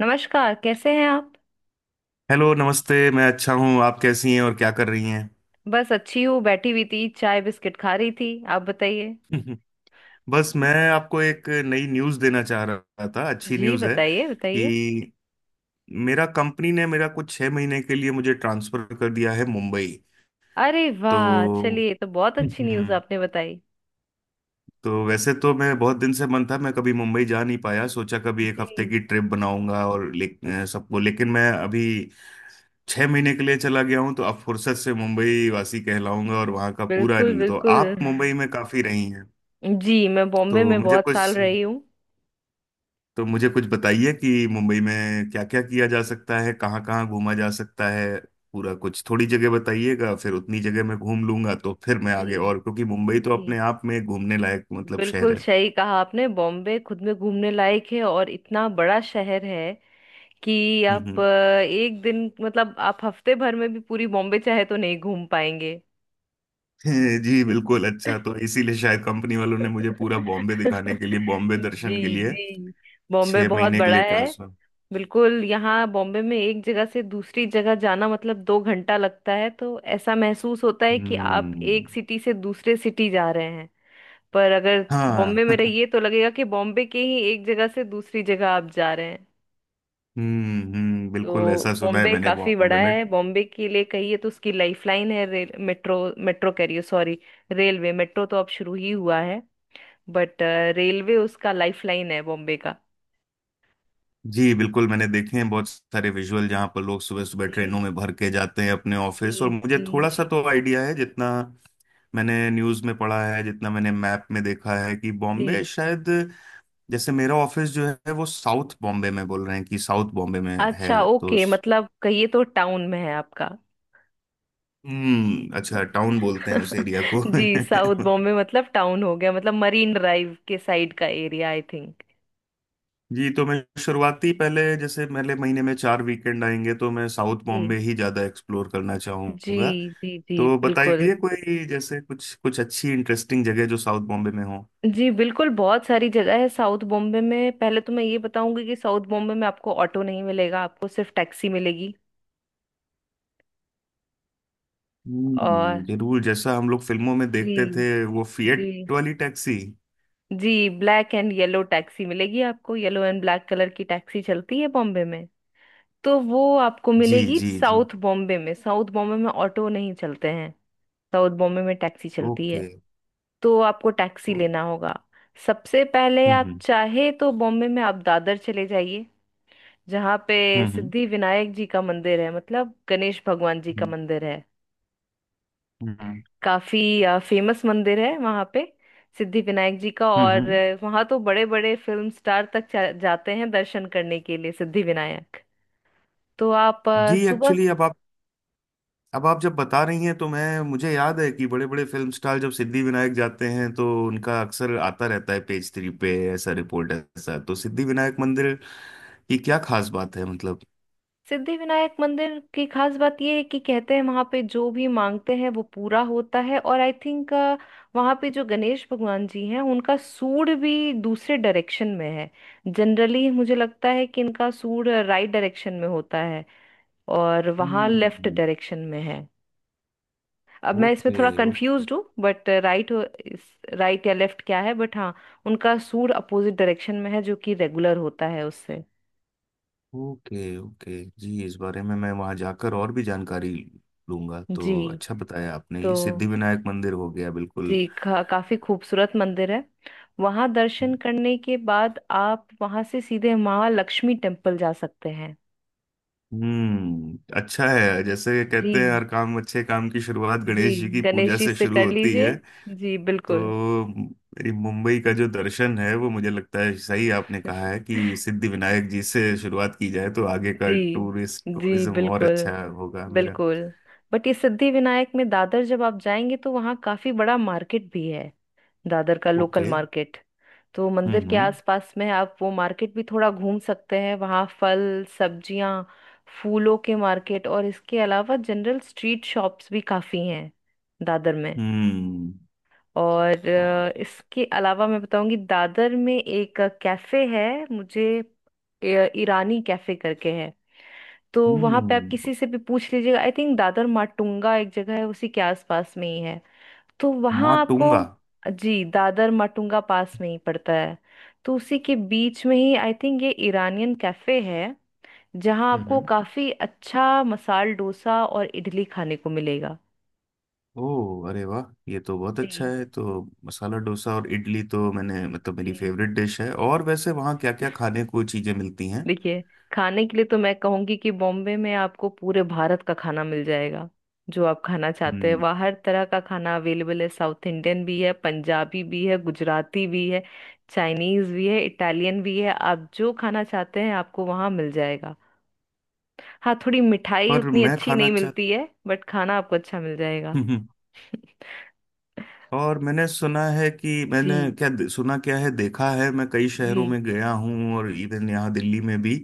नमस्कार कैसे हैं आप। हेलो, नमस्ते। मैं अच्छा हूँ। आप कैसी हैं और क्या कर रही हैं? बस अच्छी हूँ बैठी हुई थी चाय बिस्किट खा रही थी। आप बताइए। बस मैं आपको एक नई न्यूज़ देना चाह रहा था। अच्छी जी न्यूज़ है बताइए बताइए। कि मेरा कंपनी ने मेरा कुछ 6 महीने के लिए मुझे ट्रांसफ़र कर दिया है मुंबई। अरे तो वाह चलिए ये तो बहुत अच्छी न्यूज़ हम्म आपने बताई। तो वैसे तो मैं बहुत दिन से मन था। मैं कभी मुंबई जा नहीं पाया। सोचा कभी एक हफ्ते जी की ट्रिप बनाऊंगा और सबको। लेकिन मैं अभी 6 महीने के लिए चला गया हूँ, तो अब फुर्सत से मुंबई वासी कहलाऊंगा और वहाँ का पूरा। बिल्कुल तो बिल्कुल। आप मुंबई में काफ़ी रही हैं? जी मैं बॉम्बे तो में मुझे बहुत साल कुछ रही हूँ। तो मुझे कुछ बताइए कि मुंबई में क्या क्या किया जा सकता है, कहाँ कहाँ घूमा जा सकता है। पूरा कुछ थोड़ी जगह बताइएगा, फिर उतनी जगह मैं घूम लूंगा, तो फिर मैं जी आगे और, क्योंकि मुंबई तो जी। अपने आप में घूमने लायक, मतलब, शहर बिल्कुल है। सही कहा आपने बॉम्बे खुद में घूमने लायक है और इतना बड़ा शहर है कि हम्म, आप हम्म। एक दिन मतलब आप हफ्ते भर में भी पूरी बॉम्बे चाहे तो नहीं घूम पाएंगे। जी, बिल्कुल। अच्छा, तो इसीलिए शायद कंपनी वालों ने मुझे पूरा बॉम्बे दिखाने के लिए, बॉम्बे दर्शन के जी लिए जी। बॉम्बे छह बहुत महीने के बड़ा लिए है। ट्रांसफर। बिल्कुल यहाँ बॉम्बे में एक जगह से दूसरी जगह जाना मतलब दो घंटा लगता है तो ऐसा महसूस होता है कि आप हम्म। एक सिटी से दूसरे सिटी जा रहे हैं। पर अगर बॉम्बे में हाँ। रहिए तो लगेगा कि बॉम्बे के ही एक जगह से दूसरी जगह आप जा रहे हैं। हम्म, हम्म, बिल्कुल ऐसा तो सुना है बॉम्बे मैंने काफी बड़ा बॉम्बे में। है। बॉम्बे के लिए कहिए तो उसकी लाइफलाइन है रेल मेट्रो। मेट्रो कह रही हूँ सॉरी। रेलवे मेट्रो तो अब शुरू ही हुआ है। बट रेलवे उसका लाइफलाइन है बॉम्बे का। जी बिल्कुल, मैंने देखे हैं बहुत सारे विजुअल जहाँ पर लोग सुबह सुबह जी ट्रेनों में भर के जाते हैं अपने जी ऑफिस, और मुझे जी थोड़ा सा तो आइडिया है, जितना मैंने न्यूज़ में पढ़ा है, जितना मैंने मैप में देखा है कि बॉम्बे जी। शायद, जैसे मेरा ऑफिस जो है वो साउथ बॉम्बे में, बोल रहे हैं कि साउथ बॉम्बे में अच्छा है। ओके मतलब कहिए तो टाउन में है आपका। हम्म, अच्छा। टाउन बोलते हैं उस एरिया को? जी साउथ बॉम्बे मतलब टाउन हो गया मतलब मरीन ड्राइव के साइड का एरिया आई थिंक। जी। तो मैं शुरुआती, पहले, जैसे पहले महीने में 4 वीकेंड आएंगे, तो मैं साउथ जी बॉम्बे ही ज़्यादा एक्सप्लोर करना जी चाहूँगा। जी। जी तो बिल्कुल। बताइए कोई, जैसे कुछ कुछ अच्छी इंटरेस्टिंग जगह जो साउथ बॉम्बे में हो। जी बिल्कुल बहुत सारी जगह है साउथ बॉम्बे में। पहले तो मैं ये बताऊंगी कि साउथ बॉम्बे में आपको ऑटो नहीं मिलेगा आपको सिर्फ टैक्सी मिलेगी। और हम्म, जरूर जैसा हम लोग फिल्मों में जी देखते थे, वो फिएट जी वाली टैक्सी। जी। ब्लैक एंड येलो टैक्सी मिलेगी आपको येलो एंड ब्लैक कलर की टैक्सी चलती है बॉम्बे में। तो वो आपको जी, मिलेगी जी, जी। साउथ बॉम्बे में। साउथ बॉम्बे में ऑटो नहीं चलते हैं। साउथ बॉम्बे में टैक्सी चलती है। ओके। तो आपको टैक्सी ओ। लेना होगा। सबसे पहले आप हम्म, चाहे तो बॉम्बे में आप दादर चले जाइए। जहाँ पे हम्म, हम्म, सिद्धि विनायक जी का मंदिर है मतलब गणेश भगवान जी का हम्म, मंदिर है। हम्म, काफी फेमस मंदिर है वहां पे सिद्धि विनायक जी का। हम्म, और हम्म। वहां तो बड़े बड़े फिल्म स्टार तक जाते हैं दर्शन करने के लिए सिद्धि विनायक। तो आप जी, सुबह। एक्चुअली, अब आप जब बता रही हैं तो मैं मुझे याद है कि बड़े बड़े फिल्म स्टार जब सिद्धि विनायक जाते हैं तो उनका अक्सर आता रहता है पेज थ्री पे, ऐसा रिपोर्ट ऐसा। तो सिद्धि विनायक मंदिर की क्या खास बात है, मतलब? सिद्धि विनायक मंदिर की खास बात ये है कि कहते हैं वहां पे जो भी मांगते हैं वो पूरा होता है और आई थिंक वहां पे जो गणेश भगवान जी हैं उनका सूंड भी दूसरे डायरेक्शन में है। जनरली मुझे लगता है कि इनका सूंड राइट डायरेक्शन में होता है। और वहां लेफ्ट हम्म। डायरेक्शन में है। अब मैं इसमें ओके, थोड़ा ओके, कंफ्यूज हूँ बट राइट। इस राइट या लेफ्ट क्या है बट हाँ। उनका सूर अपोजिट डायरेक्शन में है जो कि रेगुलर होता है उससे। Okay, okay. जी, इस बारे में मैं वहाँ जाकर और भी जानकारी लूंगा। जी तो अच्छा बताया आपने, तो ये सिद्धि विनायक मंदिर हो गया बिल्कुल। काफी खूबसूरत मंदिर है। वहां दर्शन करने के बाद आप वहां से सीधे माँ लक्ष्मी टेम्पल जा सकते हैं। हम्म, अच्छा है। जैसे कहते हैं, जी हर काम, अच्छे काम की शुरुआत जी गणेश जी की गणेश पूजा जी से से शुरू कर होती लीजिए। है। जी तो बिल्कुल। मेरी मुंबई का जो दर्शन है, वो मुझे लगता है सही आपने कहा है कि सिद्धि विनायक जी से शुरुआत की जाए तो आगे का जी टूरिस्ट, जी टूरिज्म और बिल्कुल अच्छा होगा मेरा। बिल्कुल। बट ये सिद्धि विनायक में दादर जब आप जाएंगे तो वहाँ काफी बड़ा मार्केट भी है। दादर का लोकल ओके। मार्केट। तो मंदिर हम्म, के हम्म, आसपास में आप वो मार्केट भी थोड़ा घूम सकते हैं वहाँ फल सब्जियाँ फूलों के मार्केट और इसके अलावा जनरल स्ट्रीट शॉप्स भी काफी हैं दादर में। हम्म। और और? इसके अलावा मैं बताऊंगी दादर में एक कैफे है। मुझे अ, ईरानी कैफे करके है। तो वहां पे आप हम्म। किसी से भी पूछ लीजिएगा आई थिंक दादर माटुंगा एक जगह है उसी के आसपास में ही है। तो वहां आपको। माटुंगा? जी दादर माटुंगा पास में ही पड़ता है। तो उसी के बीच में ही आई थिंक ये ईरानियन कैफे है। जहाँ हम्म, आपको काफी अच्छा मसाल डोसा और इडली खाने को मिलेगा। ओह, अरे वाह, ये तो बहुत अच्छा जी है। तो मसाला डोसा और इडली तो मैंने, मतलब, मेरी जी। फेवरेट डिश है। और वैसे वहाँ क्या क्या खाने को चीजें मिलती हैं? देखिए खाने के लिए तो मैं कहूंगी कि बॉम्बे में आपको पूरे भारत का खाना मिल जाएगा। जो आप खाना चाहते हैं हम्म। वहाँ हर तरह का खाना अवेलेबल है साउथ इंडियन भी है पंजाबी भी है गुजराती भी है चाइनीज भी है इटालियन भी है। आप जो खाना चाहते हैं आपको वहाँ मिल जाएगा। हाँ थोड़ी मिठाई पर उतनी मैं अच्छी खाना नहीं चाह। मिलती है बट खाना आपको अच्छा मिल जाएगा। और मैंने सुना है कि जी मैंने, क्या सुना क्या है देखा है, मैं कई जी शहरों में गया हूँ और इवन यहाँ दिल्ली में भी,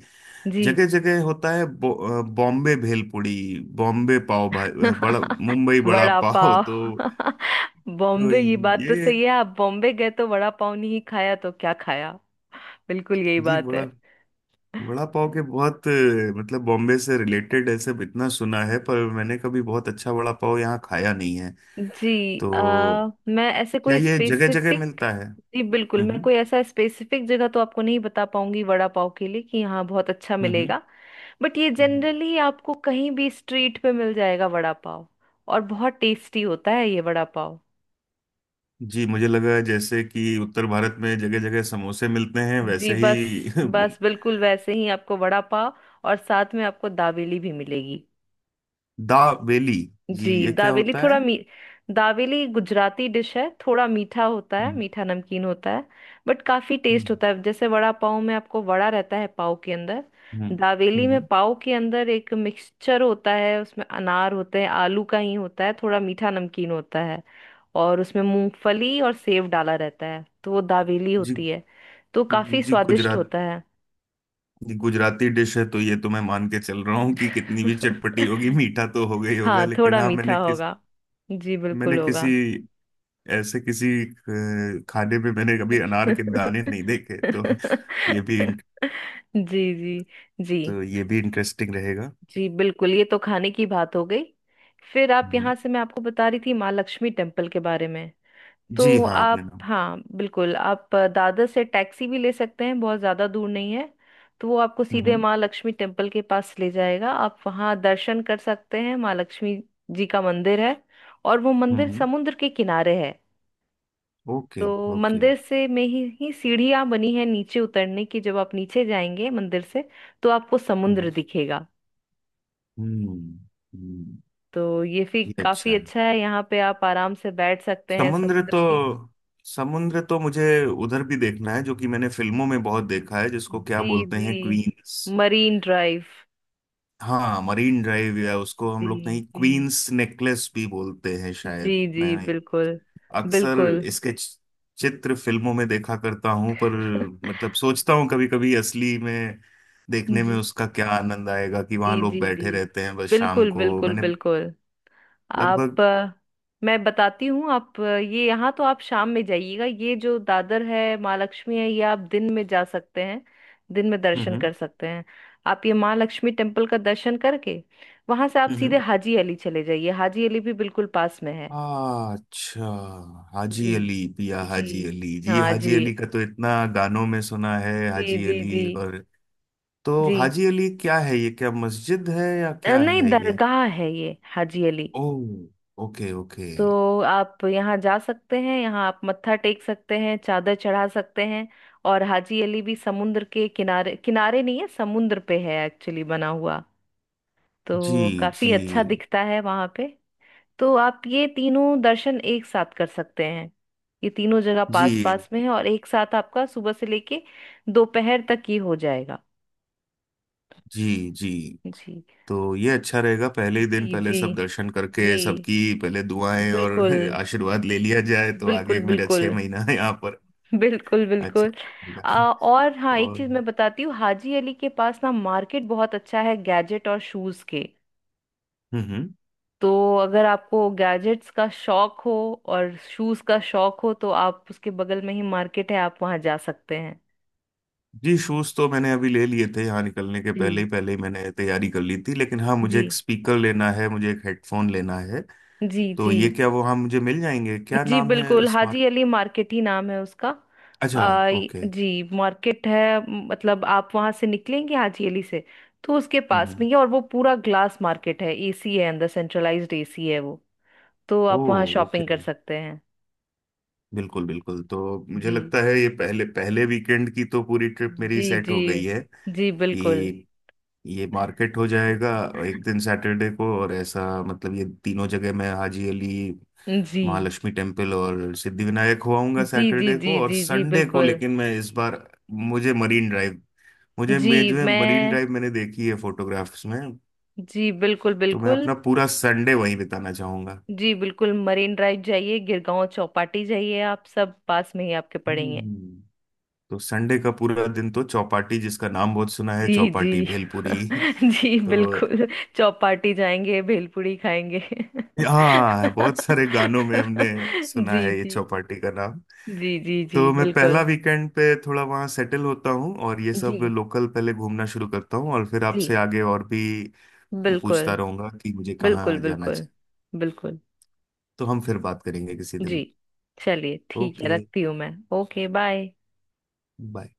जी। जगह जगह होता है बॉम्बे भेलपुड़ी, बॉम्बे पाव भाई, बड़ा, मुंबई बड़ा वड़ा पाव, पाव। तो। तो बॉम्बे की बात तो ये, सही है आप बॉम्बे गए तो वड़ा पाव नहीं खाया तो क्या खाया। बिल्कुल यही जी, बात है। बड़ा वड़ा पाव के बहुत, मतलब, बॉम्बे से रिलेटेड ऐसे इतना सुना है, पर मैंने कभी बहुत अच्छा वड़ा पाव यहाँ खाया नहीं है। तो मैं ऐसे क्या कोई ये जगह जगह स्पेसिफिक। मिलता है? जी बिल्कुल हम्म, मैं हम्म, कोई ऐसा स्पेसिफिक जगह तो आपको नहीं बता पाऊंगी वड़ा पाव के लिए कि यहाँ बहुत अच्छा हम्म, हम्म। मिलेगा। बट ये हम्म, हम्म। जनरली आपको कहीं भी स्ट्रीट पे मिल जाएगा वड़ा पाव। और बहुत टेस्टी होता है ये वड़ा पाव। जी, मुझे लगा जैसे कि उत्तर भारत में जगह जगह समोसे मिलते हैं, जी वैसे बस ही। बस बिल्कुल वैसे ही आपको वड़ा पाव। और साथ में आपको दावेली भी मिलेगी। दा बेली? जी, जी ये क्या होता है? दावेली गुजराती डिश है थोड़ा मीठा होता है हम्म, मीठा नमकीन होता है। बट काफी हम्म, टेस्ट होता है जैसे वड़ा पाव में आपको वड़ा रहता है पाव के अंदर। हम्म, दावेली में हम्म। पाव के अंदर एक मिक्सचर होता है उसमें अनार होते हैं आलू का ही होता है थोड़ा मीठा नमकीन होता है। और उसमें मूंगफली और सेव डाला रहता है तो वो दावेली जी, होती है। तो काफी जी। स्वादिष्ट होता है। गुजराती डिश है, तो ये तो मैं मान के चल रहा हूँ कि कितनी भी चटपटी होगी, मीठा तो हो गई होगा, हाँ लेकिन थोड़ा हाँ, मीठा मैंने होगा। जी बिल्कुल मैंने होगा। किसी, ऐसे किसी खाने में मैंने कभी अनार के दाने नहीं देखे। तो ये भी जी जी। जी तो ये भी इंटरेस्टिंग रहेगा। जी बिल्कुल। ये तो खाने की बात हो गई। फिर आप हम्म। यहाँ से मैं आपको बता रही थी माँ लक्ष्मी टेम्पल के बारे में। जी, तो हाँ, आपने आप नाम। हाँ बिल्कुल आप दादर से टैक्सी भी ले सकते हैं बहुत ज़्यादा दूर नहीं है। तो वो आपको सीधे हम्म, माँ लक्ष्मी टेम्पल के पास ले जाएगा। आप वहाँ दर्शन कर सकते हैं माँ लक्ष्मी जी का मंदिर है। और वो मंदिर हम्म। समुद्र के किनारे है। ओके, तो ओके। मंदिर से ही सीढ़ियां बनी है नीचे उतरने की। जब आप नीचे जाएंगे मंदिर से तो आपको समुद्र हम्म, दिखेगा। हम्म, हम्म। तो ये फिर ये अच्छा काफी अच्छा है। है यहाँ पे आप आराम से बैठ सकते हैं समुद्र समुद्र तो की। समुद्र तो मुझे उधर भी देखना है, जो कि मैंने फिल्मों में बहुत देखा है, जिसको क्या जी बोलते जी हैं, क्वींस। Marine Drive. हाँ, मरीन ड्राइव, या उसको हम लोग जी कहीं जी क्वींस नेकलेस भी बोलते हैं जी शायद। मैं जी बिल्कुल अक्सर बिल्कुल। इसके चित्र फिल्मों में देखा करता हूं, पर, मतलब, सोचता हूँ कभी कभी असली में देखने में जी उसका क्या आनंद आएगा कि वहां जी लोग जी जी बैठे रहते हैं, बस शाम बिल्कुल को, बिल्कुल मैंने बिल्कुल। लगभग। आप अ, मैं बताती हूँ आप ये यहाँ तो आप शाम में जाइएगा। ये जो दादर है माँ लक्ष्मी है ये आप दिन में जा सकते हैं दिन में दर्शन हम्म, कर सकते हैं। आप ये माँ लक्ष्मी टेम्पल का दर्शन करके वहां से आप हम्म, सीधे हाजी अली चले जाइए। हाजी अली भी बिल्कुल पास में है। अच्छा। हाजी जी अली, पिया जी हाजी अली जी, हाँ जी हाजी अली का तो इतना गानों में सुना है, जी हाजी जी जी अली और। तो जी। हाजी अली क्या है, ये क्या मस्जिद है, या क्या नहीं है ये? दरगाह है ये हाजी अली। ओ। Okay, okay. तो आप यहाँ जा सकते हैं यहाँ आप मत्था टेक सकते हैं चादर चढ़ा सकते हैं। और हाजी अली भी समुद्र के किनारे किनारे नहीं है समुद्र पे है एक्चुअली बना हुआ। तो जी, काफी जी, अच्छा दिखता है वहां पे। तो आप ये तीनों दर्शन एक साथ कर सकते हैं। ये तीनों जगह जी, पास पास में है और एक साथ आपका सुबह से लेके दोपहर तक ही हो जाएगा। जी, जी। जी तो ये अच्छा रहेगा, पहले ही दिन जी पहले जी सब दर्शन जी करके सबकी पहले दुआएं और बिल्कुल आशीर्वाद ले लिया जाए, तो बिल्कुल आगे मेरा बिल्कुल 6 महीना है यहाँ पर। बिल्कुल अच्छा बिल्कुल। रहेगा। और हाँ एक और? चीज हम्म, मैं बताती हूँ हाजी अली के पास ना मार्केट बहुत अच्छा है गैजेट और शूज के। हम्म। तो अगर आपको गैजेट्स का शौक हो और शूज का शौक हो तो आप उसके बगल में ही मार्केट है आप वहां जा सकते हैं। जी, शूज तो मैंने अभी ले लिए थे, यहाँ निकलने के पहले जी ही, पहले ही मैंने तैयारी कर ली थी, लेकिन हाँ, मुझे जी एक स्पीकर लेना है, मुझे एक हेडफोन लेना है। जी तो जी ये क्या वो, हाँ, मुझे मिल जाएंगे? क्या जी नाम है, बिल्कुल स्मार्ट? हाजी अली मार्केट ही नाम है उसका। अच्छा। आ, य- ओके। जी मार्केट है मतलब आप वहां से निकलेंगे हाजी अली से। तो उसके पास हम्म। में ही है और वो पूरा ग्लास मार्केट है एसी है अंदर सेंट्रलाइज्ड एसी है वो। तो ओ। आप वहां शॉपिंग ओके। कर सकते हैं। बिल्कुल, बिल्कुल। तो मुझे जी लगता है ये पहले पहले वीकेंड की तो पूरी ट्रिप मेरी जी सेट जी हो गई है, जी बिल्कुल। कि ये मार्केट हो जाएगा एक दिन सैटरडे को, और ऐसा, मतलब, ये तीनों जगह, मैं हाजी अली, जी महालक्ष्मी टेम्पल और सिद्धिविनायक होआऊंगा जी जी सैटरडे जी को, और जी जी संडे को। बिल्कुल। लेकिन मैं इस बार, मुझे मरीन ड्राइव मुझे जी मैं जो है, मरीन मैं। ड्राइव मैंने देखी है फोटोग्राफ्स में, जी बिल्कुल तो मैं बिल्कुल। अपना पूरा संडे वहीं बिताना चाहूंगा। जी बिल्कुल मरीन ड्राइव जाइए गिरगांव चौपाटी जाइए आप सब पास में ही आपके पड़ेंगे। हम्म। तो संडे का पूरा दिन तो चौपाटी, जिसका नाम बहुत सुना है, जी जी। चौपाटी भेलपुरी। जी तो बिल्कुल चौपाटी जाएंगे भेलपूरी खाएंगे हाँ, बहुत सारे गानों में हमने सुना जी है ये जी चौपाटी का नाम। जी जी जी तो मैं पहला बिल्कुल। वीकेंड पे थोड़ा वहाँ सेटल होता हूँ और ये सब जी लोकल पहले घूमना शुरू करता हूँ और फिर जी आपसे आगे और भी पूछता बिल्कुल रहूंगा कि मुझे बिल्कुल कहाँ जाना बिल्कुल चाहिए। बिल्कुल। तो हम फिर बात करेंगे किसी जी दिन। चलिए ठीक है ओके। रखती हूँ मैं। Okay bye. बाय।